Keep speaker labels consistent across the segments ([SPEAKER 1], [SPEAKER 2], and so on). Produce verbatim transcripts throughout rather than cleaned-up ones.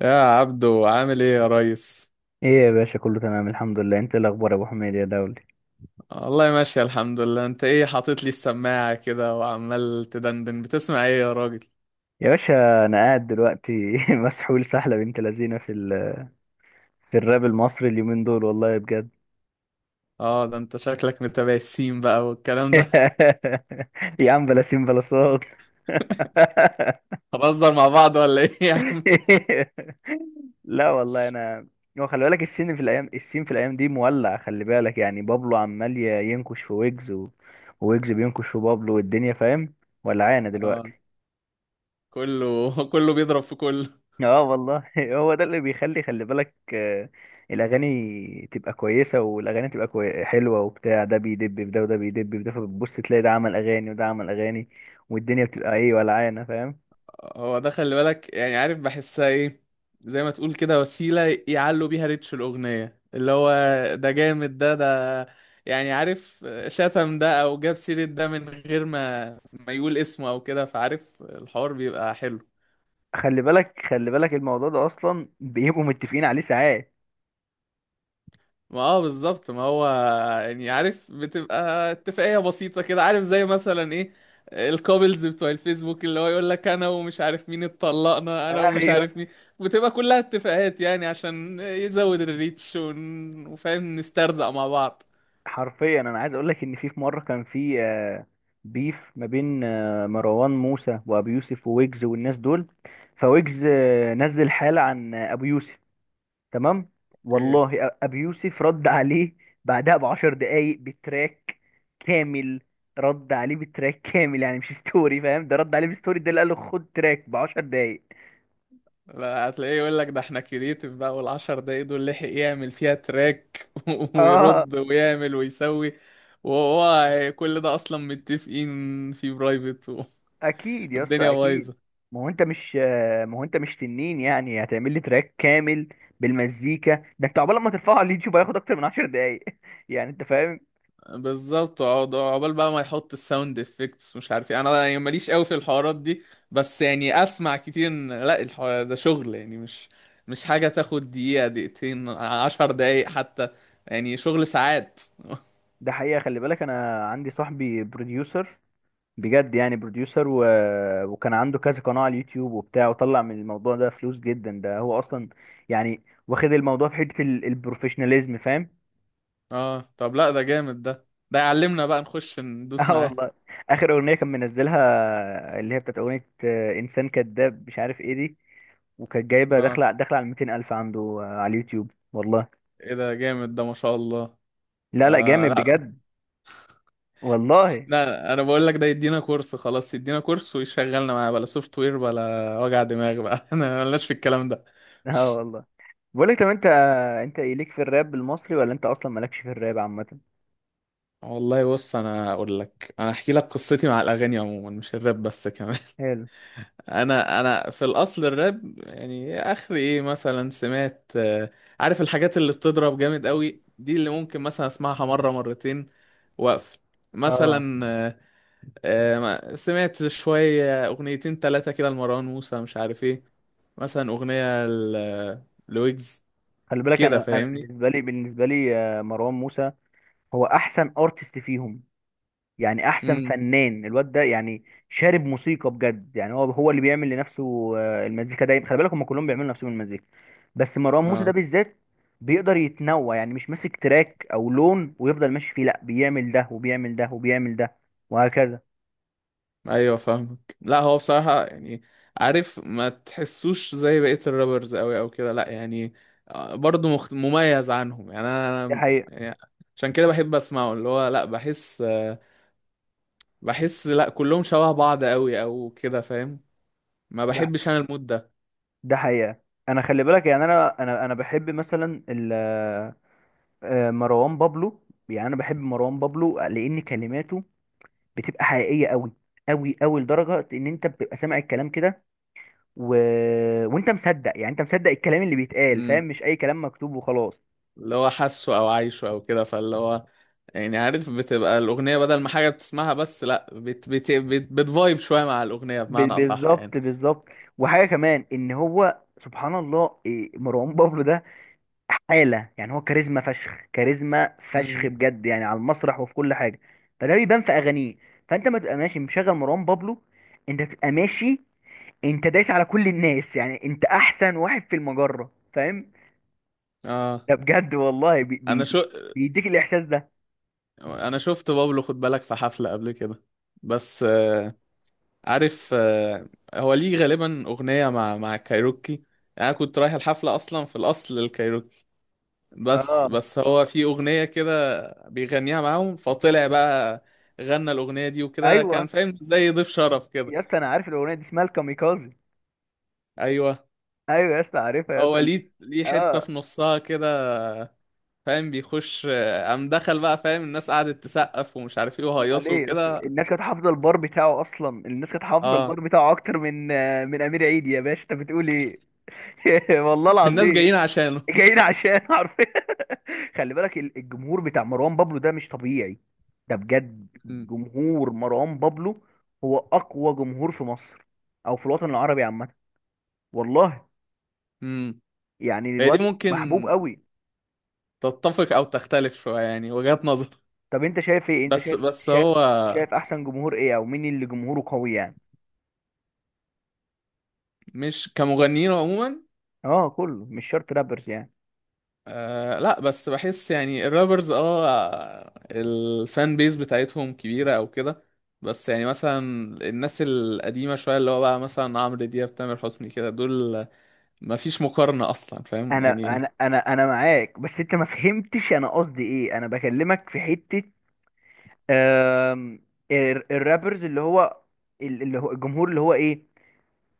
[SPEAKER 1] يا عبدو عامل ايه يا ريس؟
[SPEAKER 2] ايه يا باشا، كله تمام الحمد لله. انت إيه الاخبار يا ابو حميد يا دولي؟
[SPEAKER 1] والله ماشي الحمد لله. انت ايه حاطط لي السماعة كده وعمال تدندن، بتسمع ايه يا راجل؟
[SPEAKER 2] يا باشا انا قاعد دلوقتي مسحول سحله بنت لذينه في ال... في الراب المصري اليومين دول والله بجد.
[SPEAKER 1] اه ده انت شكلك متابع السين بقى والكلام ده
[SPEAKER 2] يا عم بلا سين بلا صوت.
[SPEAKER 1] هنهزر مع بعض ولا ايه يا عم؟
[SPEAKER 2] لا والله انا. هو خلي بالك السين في الايام، السين في الايام دي مولع. خلي بالك يعني بابلو عمال ي- ينكش في ويجز و... ويجز بينكش في بابلو والدنيا فاهم، ولا عانه دلوقتي.
[SPEAKER 1] اه كله كله بيضرب في كله.
[SPEAKER 2] اه والله هو ده اللي بيخلي، خلي بالك آه، الاغاني تبقى كويسه والاغاني تبقى كوي... حلوه وبتاع، ده بيدب في ده وده بيدب في ده، فبتبص تلاقي ده عمل اغاني وده عمل اغاني والدنيا بتبقى ايه ولعانه فاهم.
[SPEAKER 1] هو ده خلي بالك، يعني عارف بحسها ايه، زي ما تقول كده وسيلة يعلوا بيها ريتش الأغنية. اللي هو ده جامد، ده ده يعني عارف شتم ده أو جاب سيرة ده من غير ما ما يقول اسمه أو كده، فعارف الحوار بيبقى حلو.
[SPEAKER 2] خلي بالك خلي بالك الموضوع ده اصلا بيبقوا متفقين عليه ساعات.
[SPEAKER 1] ما اه بالظبط، ما هو يعني عارف بتبقى اتفاقية بسيطة كده، عارف، زي مثلا ايه الكابلز بتوع الفيسبوك اللي هو يقول لك انا ومش عارف مين اتطلقنا انا ومش
[SPEAKER 2] ايوه.
[SPEAKER 1] عارف مين. بتبقى كلها اتفاقات يعني عشان يزود الريتش، ون- وفاهم، نسترزق مع بعض.
[SPEAKER 2] حرفيا انا عايز اقول لك ان في في مره كان في آه، بيف ما بين آه، مروان موسى وابي يوسف وويجز والناس دول. فويجز آه، نزل حالة عن ابو يوسف، تمام؟
[SPEAKER 1] اوكي.
[SPEAKER 2] والله أ- ابي يوسف رد عليه بعدها بعشر دقايق بتراك كامل. رد عليه بتراك كامل يعني مش ستوري، فاهم؟ ده رد عليه بستوري، ده اللي قال له خد تراك بعشر دقايق.
[SPEAKER 1] لا هتلاقيه يقول لك ده احنا كرييتيف بقى، والعشر دقايق دول لحق يعمل فيها تراك
[SPEAKER 2] اه.
[SPEAKER 1] ويرد ويعمل ويسوي. وهو كل ده اصلا متفقين في برايفت،
[SPEAKER 2] اكيد يا
[SPEAKER 1] والدنيا
[SPEAKER 2] اسطى اكيد.
[SPEAKER 1] بايظة.
[SPEAKER 2] ما هو انت مش ما هو انت مش تنين، يعني هتعمل لي تراك كامل بالمزيكا ده؟ انت عقبال ما ترفعه على اليوتيوب هياخد اكتر من عشر دقايق. يعني انت فاهم.
[SPEAKER 1] بالظبط، اقعد عقبال بقى ما يحط الساوند افكتس مش عارف ايه. انا يعني ماليش قوي في الحوارات دي، بس يعني اسمع كتير ان لا الحوار ده شغل، يعني مش مش حاجة تاخد دقيقة دقيقتين عشر دقايق حتى، يعني شغل ساعات.
[SPEAKER 2] ده حقيقة، خلي بالك انا عندي صاحبي بروديوسر، بجد يعني بروديوسر و... وكان عنده كذا قناة على اليوتيوب وبتاع، وطلع من الموضوع ده فلوس جدا، ده هو أصلا يعني واخد الموضوع في حتة ال... البروفيشناليزم، فاهم.
[SPEAKER 1] اه طب لا ده جامد، ده ده يعلمنا بقى نخش ندوس
[SPEAKER 2] اه
[SPEAKER 1] معاه.
[SPEAKER 2] والله. آخر أغنية كان منزلها، اللي هي بتاعت أغنية آه، إنسان كذاب مش عارف إيه دي، وكانت جايبة
[SPEAKER 1] اه
[SPEAKER 2] داخلة داخلة على مئتين ألف عنده آه، على اليوتيوب، والله.
[SPEAKER 1] ايه ده، جامد ده، ما شاء الله.
[SPEAKER 2] لا لا،
[SPEAKER 1] آه
[SPEAKER 2] جامد
[SPEAKER 1] لا خ-
[SPEAKER 2] بجد. والله.
[SPEAKER 1] لا انا بقول لك ده يدينا كورس خلاص، يدينا كورس ويشغلنا معاه بلا سوفت وير بلا وجع دماغ بقى انا ملناش في الكلام ده.
[SPEAKER 2] اه والله. بقولك طب أنت آه، أنت إيه ليك في الراب المصري، ولا أنت أصلا مالكش في الراب عامة؟
[SPEAKER 1] والله بص، انا اقول لك، انا احكي لك قصتي مع الاغاني عموما مش الراب بس كمان
[SPEAKER 2] حلو.
[SPEAKER 1] انا انا في الاصل الراب يعني اخر ايه مثلا سمعت، آه، عارف الحاجات اللي بتضرب جامد قوي دي، اللي ممكن مثلا اسمعها مره مرتين واقفل.
[SPEAKER 2] اه.
[SPEAKER 1] مثلا آه، آه، ما- سمعت شويه اغنيتين ثلاثه كده لمروان موسى مش عارف ايه، مثلا اغنيه ل- لويجز،
[SPEAKER 2] خلي بالك
[SPEAKER 1] كده
[SPEAKER 2] انا، انا
[SPEAKER 1] فاهمني.
[SPEAKER 2] بالنسبه لي بالنسبه لي آه، مروان موسى هو احسن ارتست فيهم. يعني احسن
[SPEAKER 1] امم.
[SPEAKER 2] فنان، الواد ده يعني شارب موسيقى بجد، يعني هو هو اللي بيعمل لنفسه آه، المزيكا دايما. خلي بالك هم كلهم بيعملوا لنفسهم المزيكا، بس مروان موسى ده
[SPEAKER 1] اه
[SPEAKER 2] بالذات بيقدر يتنوع. يعني مش ماسك تراك او لون ويفضل ماشي فيه، لا بيعمل ده وبيعمل ده وبيعمل ده وهكذا.
[SPEAKER 1] ايوه فاهمك. لا هو بصراحة يعني عارف، ما تحسوش زي بقية الرابرز قوي او كده، لا يعني آه، برضه مخت... مميز عنهم. يعني انا
[SPEAKER 2] ده
[SPEAKER 1] أنا-
[SPEAKER 2] حقيقه.
[SPEAKER 1] يعني عشان كده بحب اسمعه. اللي هو لا بحس، آه، بحس لا كلهم شبه بعض قوي او كده، فاهم؟ ما
[SPEAKER 2] ده
[SPEAKER 1] بحبش انا المود ده.
[SPEAKER 2] ده حقيقه انا خلي بالك يعني انا انا انا بحب مثلا آه، مروان بابلو. يعني انا بحب مروان بابلو لان كلماته بتبقى حقيقيه قوي قوي قوي، لدرجه ان انت بتبقى سامع الكلام كده و... وانت مصدق. يعني انت مصدق الكلام اللي بيتقال،
[SPEAKER 1] امم.
[SPEAKER 2] فاهم؟ مش اي كلام مكتوب وخلاص.
[SPEAKER 1] اللي هو حاسه او عايشه او كده، فاللي هو يعني عارف بتبقى الاغنية بدل ما حاجة بتسمعها بس، لا بت... بت... بت... بتفايب شوية مع الاغنية
[SPEAKER 2] ب...
[SPEAKER 1] بمعنى اصح يعني.
[SPEAKER 2] بالظبط بالظبط. وحاجه كمان ان هو سبحان الله إيه، مروان بابلو ده حاله، يعني هو كاريزما فشخ، كاريزما فشخ
[SPEAKER 1] امم.
[SPEAKER 2] بجد يعني، على المسرح وفي كل حاجه. فده بيبان في اغانيه. فانت ما تبقى ماشي مشغل مروان بابلو، انت تبقى ماشي، انت دايس على كل الناس. يعني انت احسن واحد في المجرة، فاهم؟
[SPEAKER 1] اه.
[SPEAKER 2] ده بجد والله. بي بي
[SPEAKER 1] انا شو
[SPEAKER 2] بي- بيديك الاحساس ده.
[SPEAKER 1] انا شفت بابلو، خد بالك، في حفلة قبل كده. بس آه، عارف، آه، هو ليه غالبا اغنية مع مع كايروكي. يعني انا كنت رايح الحفلة اصلا في الاصل للكايروكي، بس
[SPEAKER 2] اه.
[SPEAKER 1] بس هو في اغنية كده بيغنيها معاهم، فطلع بقى غنى الاغنية دي وكده،
[SPEAKER 2] ايوه
[SPEAKER 1] كان فاهم، زي ضيف شرف كده.
[SPEAKER 2] يا اسطى، انا عارف الاغنيه دي اسمها الكاميكازي.
[SPEAKER 1] ايوه،
[SPEAKER 2] ايوه يا اسطى، عارفها يا
[SPEAKER 1] هو
[SPEAKER 2] اسطى.
[SPEAKER 1] ليه ليه حتة
[SPEAKER 2] اه.
[SPEAKER 1] في نصها كده، فاهم، بيخش، آه، قام دخل بقى، فاهم، الناس قعدت تسقف ومش عارف ايه
[SPEAKER 2] امال
[SPEAKER 1] وهيصوا
[SPEAKER 2] ايه يا اسطى،
[SPEAKER 1] وكده.
[SPEAKER 2] الناس كانت حافظه البار بتاعه اصلا الناس كانت حافظه
[SPEAKER 1] اه.
[SPEAKER 2] البار بتاعه اكتر من آه، من امير عيد، يا باشا انت بتقول ايه؟ والله
[SPEAKER 1] الناس
[SPEAKER 2] العظيم.
[SPEAKER 1] جايين عشانه.
[SPEAKER 2] جايين عشان عارفين. خلي بالك ال- الجمهور بتاع مروان بابلو ده مش طبيعي. ده بجد جمهور مروان بابلو هو اقوى جمهور في مصر، او في الوطن العربي عامه، والله. يعني
[SPEAKER 1] هي دي
[SPEAKER 2] الواد
[SPEAKER 1] ممكن
[SPEAKER 2] محبوب قوي.
[SPEAKER 1] تتفق او تختلف شويه، يعني وجهات نظر.
[SPEAKER 2] طب انت شايف ايه؟ انت
[SPEAKER 1] بس
[SPEAKER 2] شايف
[SPEAKER 1] بس
[SPEAKER 2] شايف
[SPEAKER 1] هو
[SPEAKER 2] شايف احسن جمهور ايه، او مين اللي جمهوره قوي يعني؟
[SPEAKER 1] مش كمغنيين عموما.
[SPEAKER 2] اه كله، مش شرط رابرز يعني.
[SPEAKER 1] آه لا، بس بحس يعني الرابرز اه الفان بيز بتاعتهم كبيره او كده، بس يعني مثلا الناس القديمه شويه اللي هو بقى، مثلا عمرو دياب، تامر حسني كده، دول ما فيش مقارنه اصلا فاهم
[SPEAKER 2] انا
[SPEAKER 1] يعني.
[SPEAKER 2] انا انا انا معاك، بس انت ما فهمتش انا قصدي ايه. انا بكلمك في حتة آم، ال- الرابرز اللي هو ال- اللي هو الجمهور اللي هو ايه،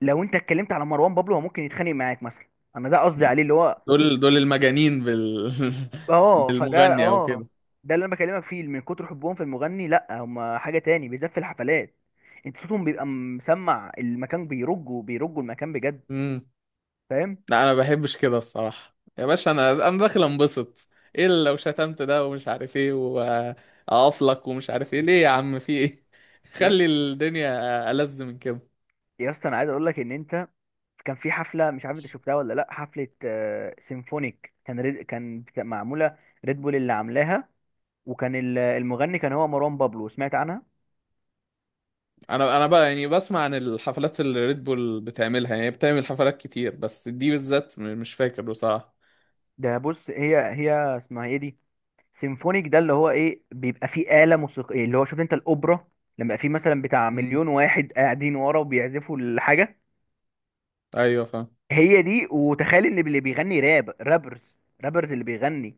[SPEAKER 2] لو انت اتكلمت على مروان بابلو هو ممكن يتخانق معاك مثلا. انا ده قصدي عليه، اللي هو
[SPEAKER 1] دول دول المجانين بال
[SPEAKER 2] اه فده
[SPEAKER 1] بالمغني او
[SPEAKER 2] اه. ده اللي انا بكلمك فيه، من كتر حبهم في المغني لا هما حاجة تاني، بالذات في الحفلات. انت صوتهم بيبقى مسمع المكان، بيرجوا بيرجوا المكان بجد،
[SPEAKER 1] كده.
[SPEAKER 2] فاهم.
[SPEAKER 1] لا انا ما بحبش كده الصراحه يا باشا، انا انا داخل انبسط، ايه اللي لو شتمت ده ومش عارف ايه واقف لك، ومش عارف ايه ليه؟ يا عم في ايه؟
[SPEAKER 2] يا
[SPEAKER 1] خلي الدنيا ألذ من كده.
[SPEAKER 2] يا اسطى انا عايز اقول لك ان انت، كان في حفلة مش عارف انت شفتها ولا لا. حفلة آه، سيمفونيك كان ريد- كان بت- معمولة، ريد بول اللي عاملاها، وكان ال- المغني كان هو مروان بابلو، سمعت عنها؟
[SPEAKER 1] انا انا بقى يعني بسمع عن الحفلات اللي ريد بول بتعملها، يعني بتعمل حفلات كتير، بس دي بالذات م- مش فاكر بصراحه.
[SPEAKER 2] ده بص، هي هي اسمها ايه دي، سيمفونيك ده اللي هو ايه، بيبقى فيه آلة موسيقية، اللي هو شفت انت الأوبرا لما في مثلا بتاع
[SPEAKER 1] مم.
[SPEAKER 2] مليون واحد قاعدين ورا وبيعزفوا الحاجة،
[SPEAKER 1] ايوه فاهم.
[SPEAKER 2] هي دي. وتخيل ان اللي بيغني راب، رابرز رابرز اللي بيغني،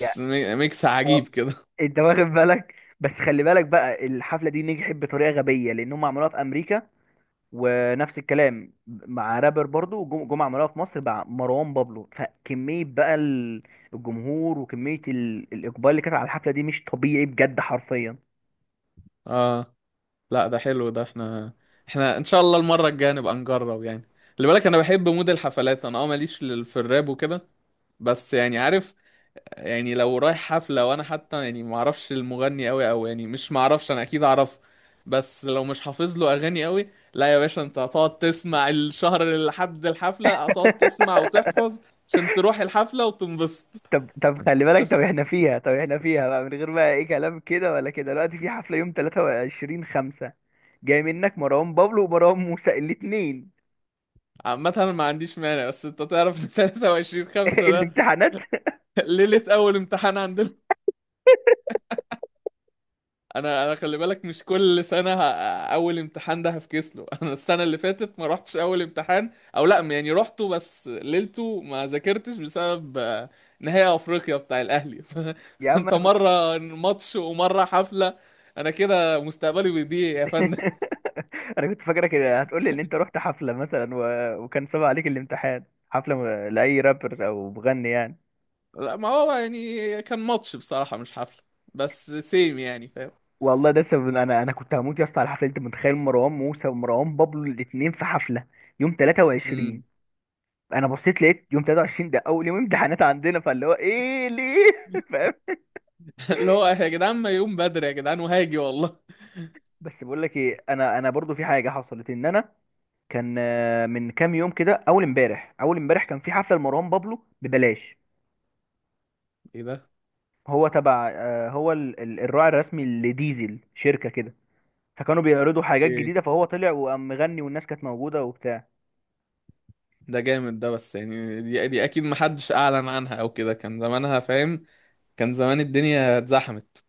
[SPEAKER 2] يا
[SPEAKER 1] ميكس عجيب
[SPEAKER 2] اه.
[SPEAKER 1] كده.
[SPEAKER 2] انت واخد بالك. بس خلي بالك بقى، الحفلة دي نجحت بطريقة غبية لأنهم عملوها في أمريكا، ونفس الكلام مع رابر برضو جم- جمعة عملوها في مصر مع مروان بابلو، فكمية بقى ال- الجمهور وكمية ال- الإقبال اللي كانت على الحفلة دي مش طبيعي بجد حرفيا.
[SPEAKER 1] اه لا ده حلو ده، احنا احنا ان شاء الله المرة الجاية نبقى نجرب يعني. خلي بالك انا بحب مود الحفلات، انا اه ماليش لل- في الراب وكده، بس يعني عارف، يعني لو رايح حفلة وانا حتى يعني ما اعرفش المغني قوي او يعني، مش ما اعرفش، انا اكيد اعرفه، بس لو مش حافظ له اغاني قوي، لا يا باشا انت هتقعد تسمع الشهر لحد الحفلة، هتقعد تسمع وتحفظ عشان تروح الحفلة وتنبسط.
[SPEAKER 2] طب طب خلي بالك، طب
[SPEAKER 1] بس
[SPEAKER 2] احنا فيها طب احنا فيها بقى، من غير بقى ايه كلام كده ولا كده، دلوقتي في حفلة يوم تلاتة وعشرين خمسة جاي، منك مروان بابلو ومروان موسى الاتنين.
[SPEAKER 1] عامة انا ما عنديش مانع، بس انت تعرف 23 5 ده
[SPEAKER 2] الامتحانات.
[SPEAKER 1] ليلة اول امتحان عندنا. انا انا خلي بالك مش كل سنه ه... اول امتحان ده هفكس له انا السنه اللي فاتت ما رحتش اول امتحان، او لا يعني رحته بس ليلته ما ذاكرتش بسبب آه، نهائي افريقيا بتاع الاهلي
[SPEAKER 2] يا عم.
[SPEAKER 1] فانت مره ماتش ومره حفله، انا كده مستقبلي بيضيع يا فندم.
[SPEAKER 2] انا كنت فاكرك هتقول لي ان انت رحت حفله مثلا و... وكان صعب عليك الامتحان، حفله م- لاي رابرز او مغني يعني.
[SPEAKER 1] لا ما هو يعني كان ماتش بصراحه مش حفله، بس سيم يعني، فاهم؟
[SPEAKER 2] والله ده سبب، انا انا كنت هموت يا اسطى على حفله، انت متخيل مروان موسى ومروان بابلو الاثنين في حفله يوم تلاتة وعشرين؟
[SPEAKER 1] مم.
[SPEAKER 2] انا بصيت لقيت يوم تلاتة وعشرين ده اول يوم امتحانات عندنا، فاللي هو ايه ليه فاهم.
[SPEAKER 1] اللي هو يا جدعان ما يقوم بدري يا جدعان وهاجي والله.
[SPEAKER 2] بس بقول لك ايه، انا انا برضو في حاجه حصلت ان انا كان آه، من كام يوم كده، اول امبارح اول امبارح كان في حفله لمروان بابلو ببلاش.
[SPEAKER 1] ايه ده،
[SPEAKER 2] هو تبع آه، هو ال- ال- الراعي الرسمي لديزل، شركة كده، فكانوا بيعرضوا حاجات جديدة، فهو طلع وقام مغني والناس كانت موجودة وبتاع.
[SPEAKER 1] ده جامد ده، بس يعني دي, دي اكيد محدش اعلن عنها او كده، كان زمانها فاهم، كان زمان الدنيا اتزحمت.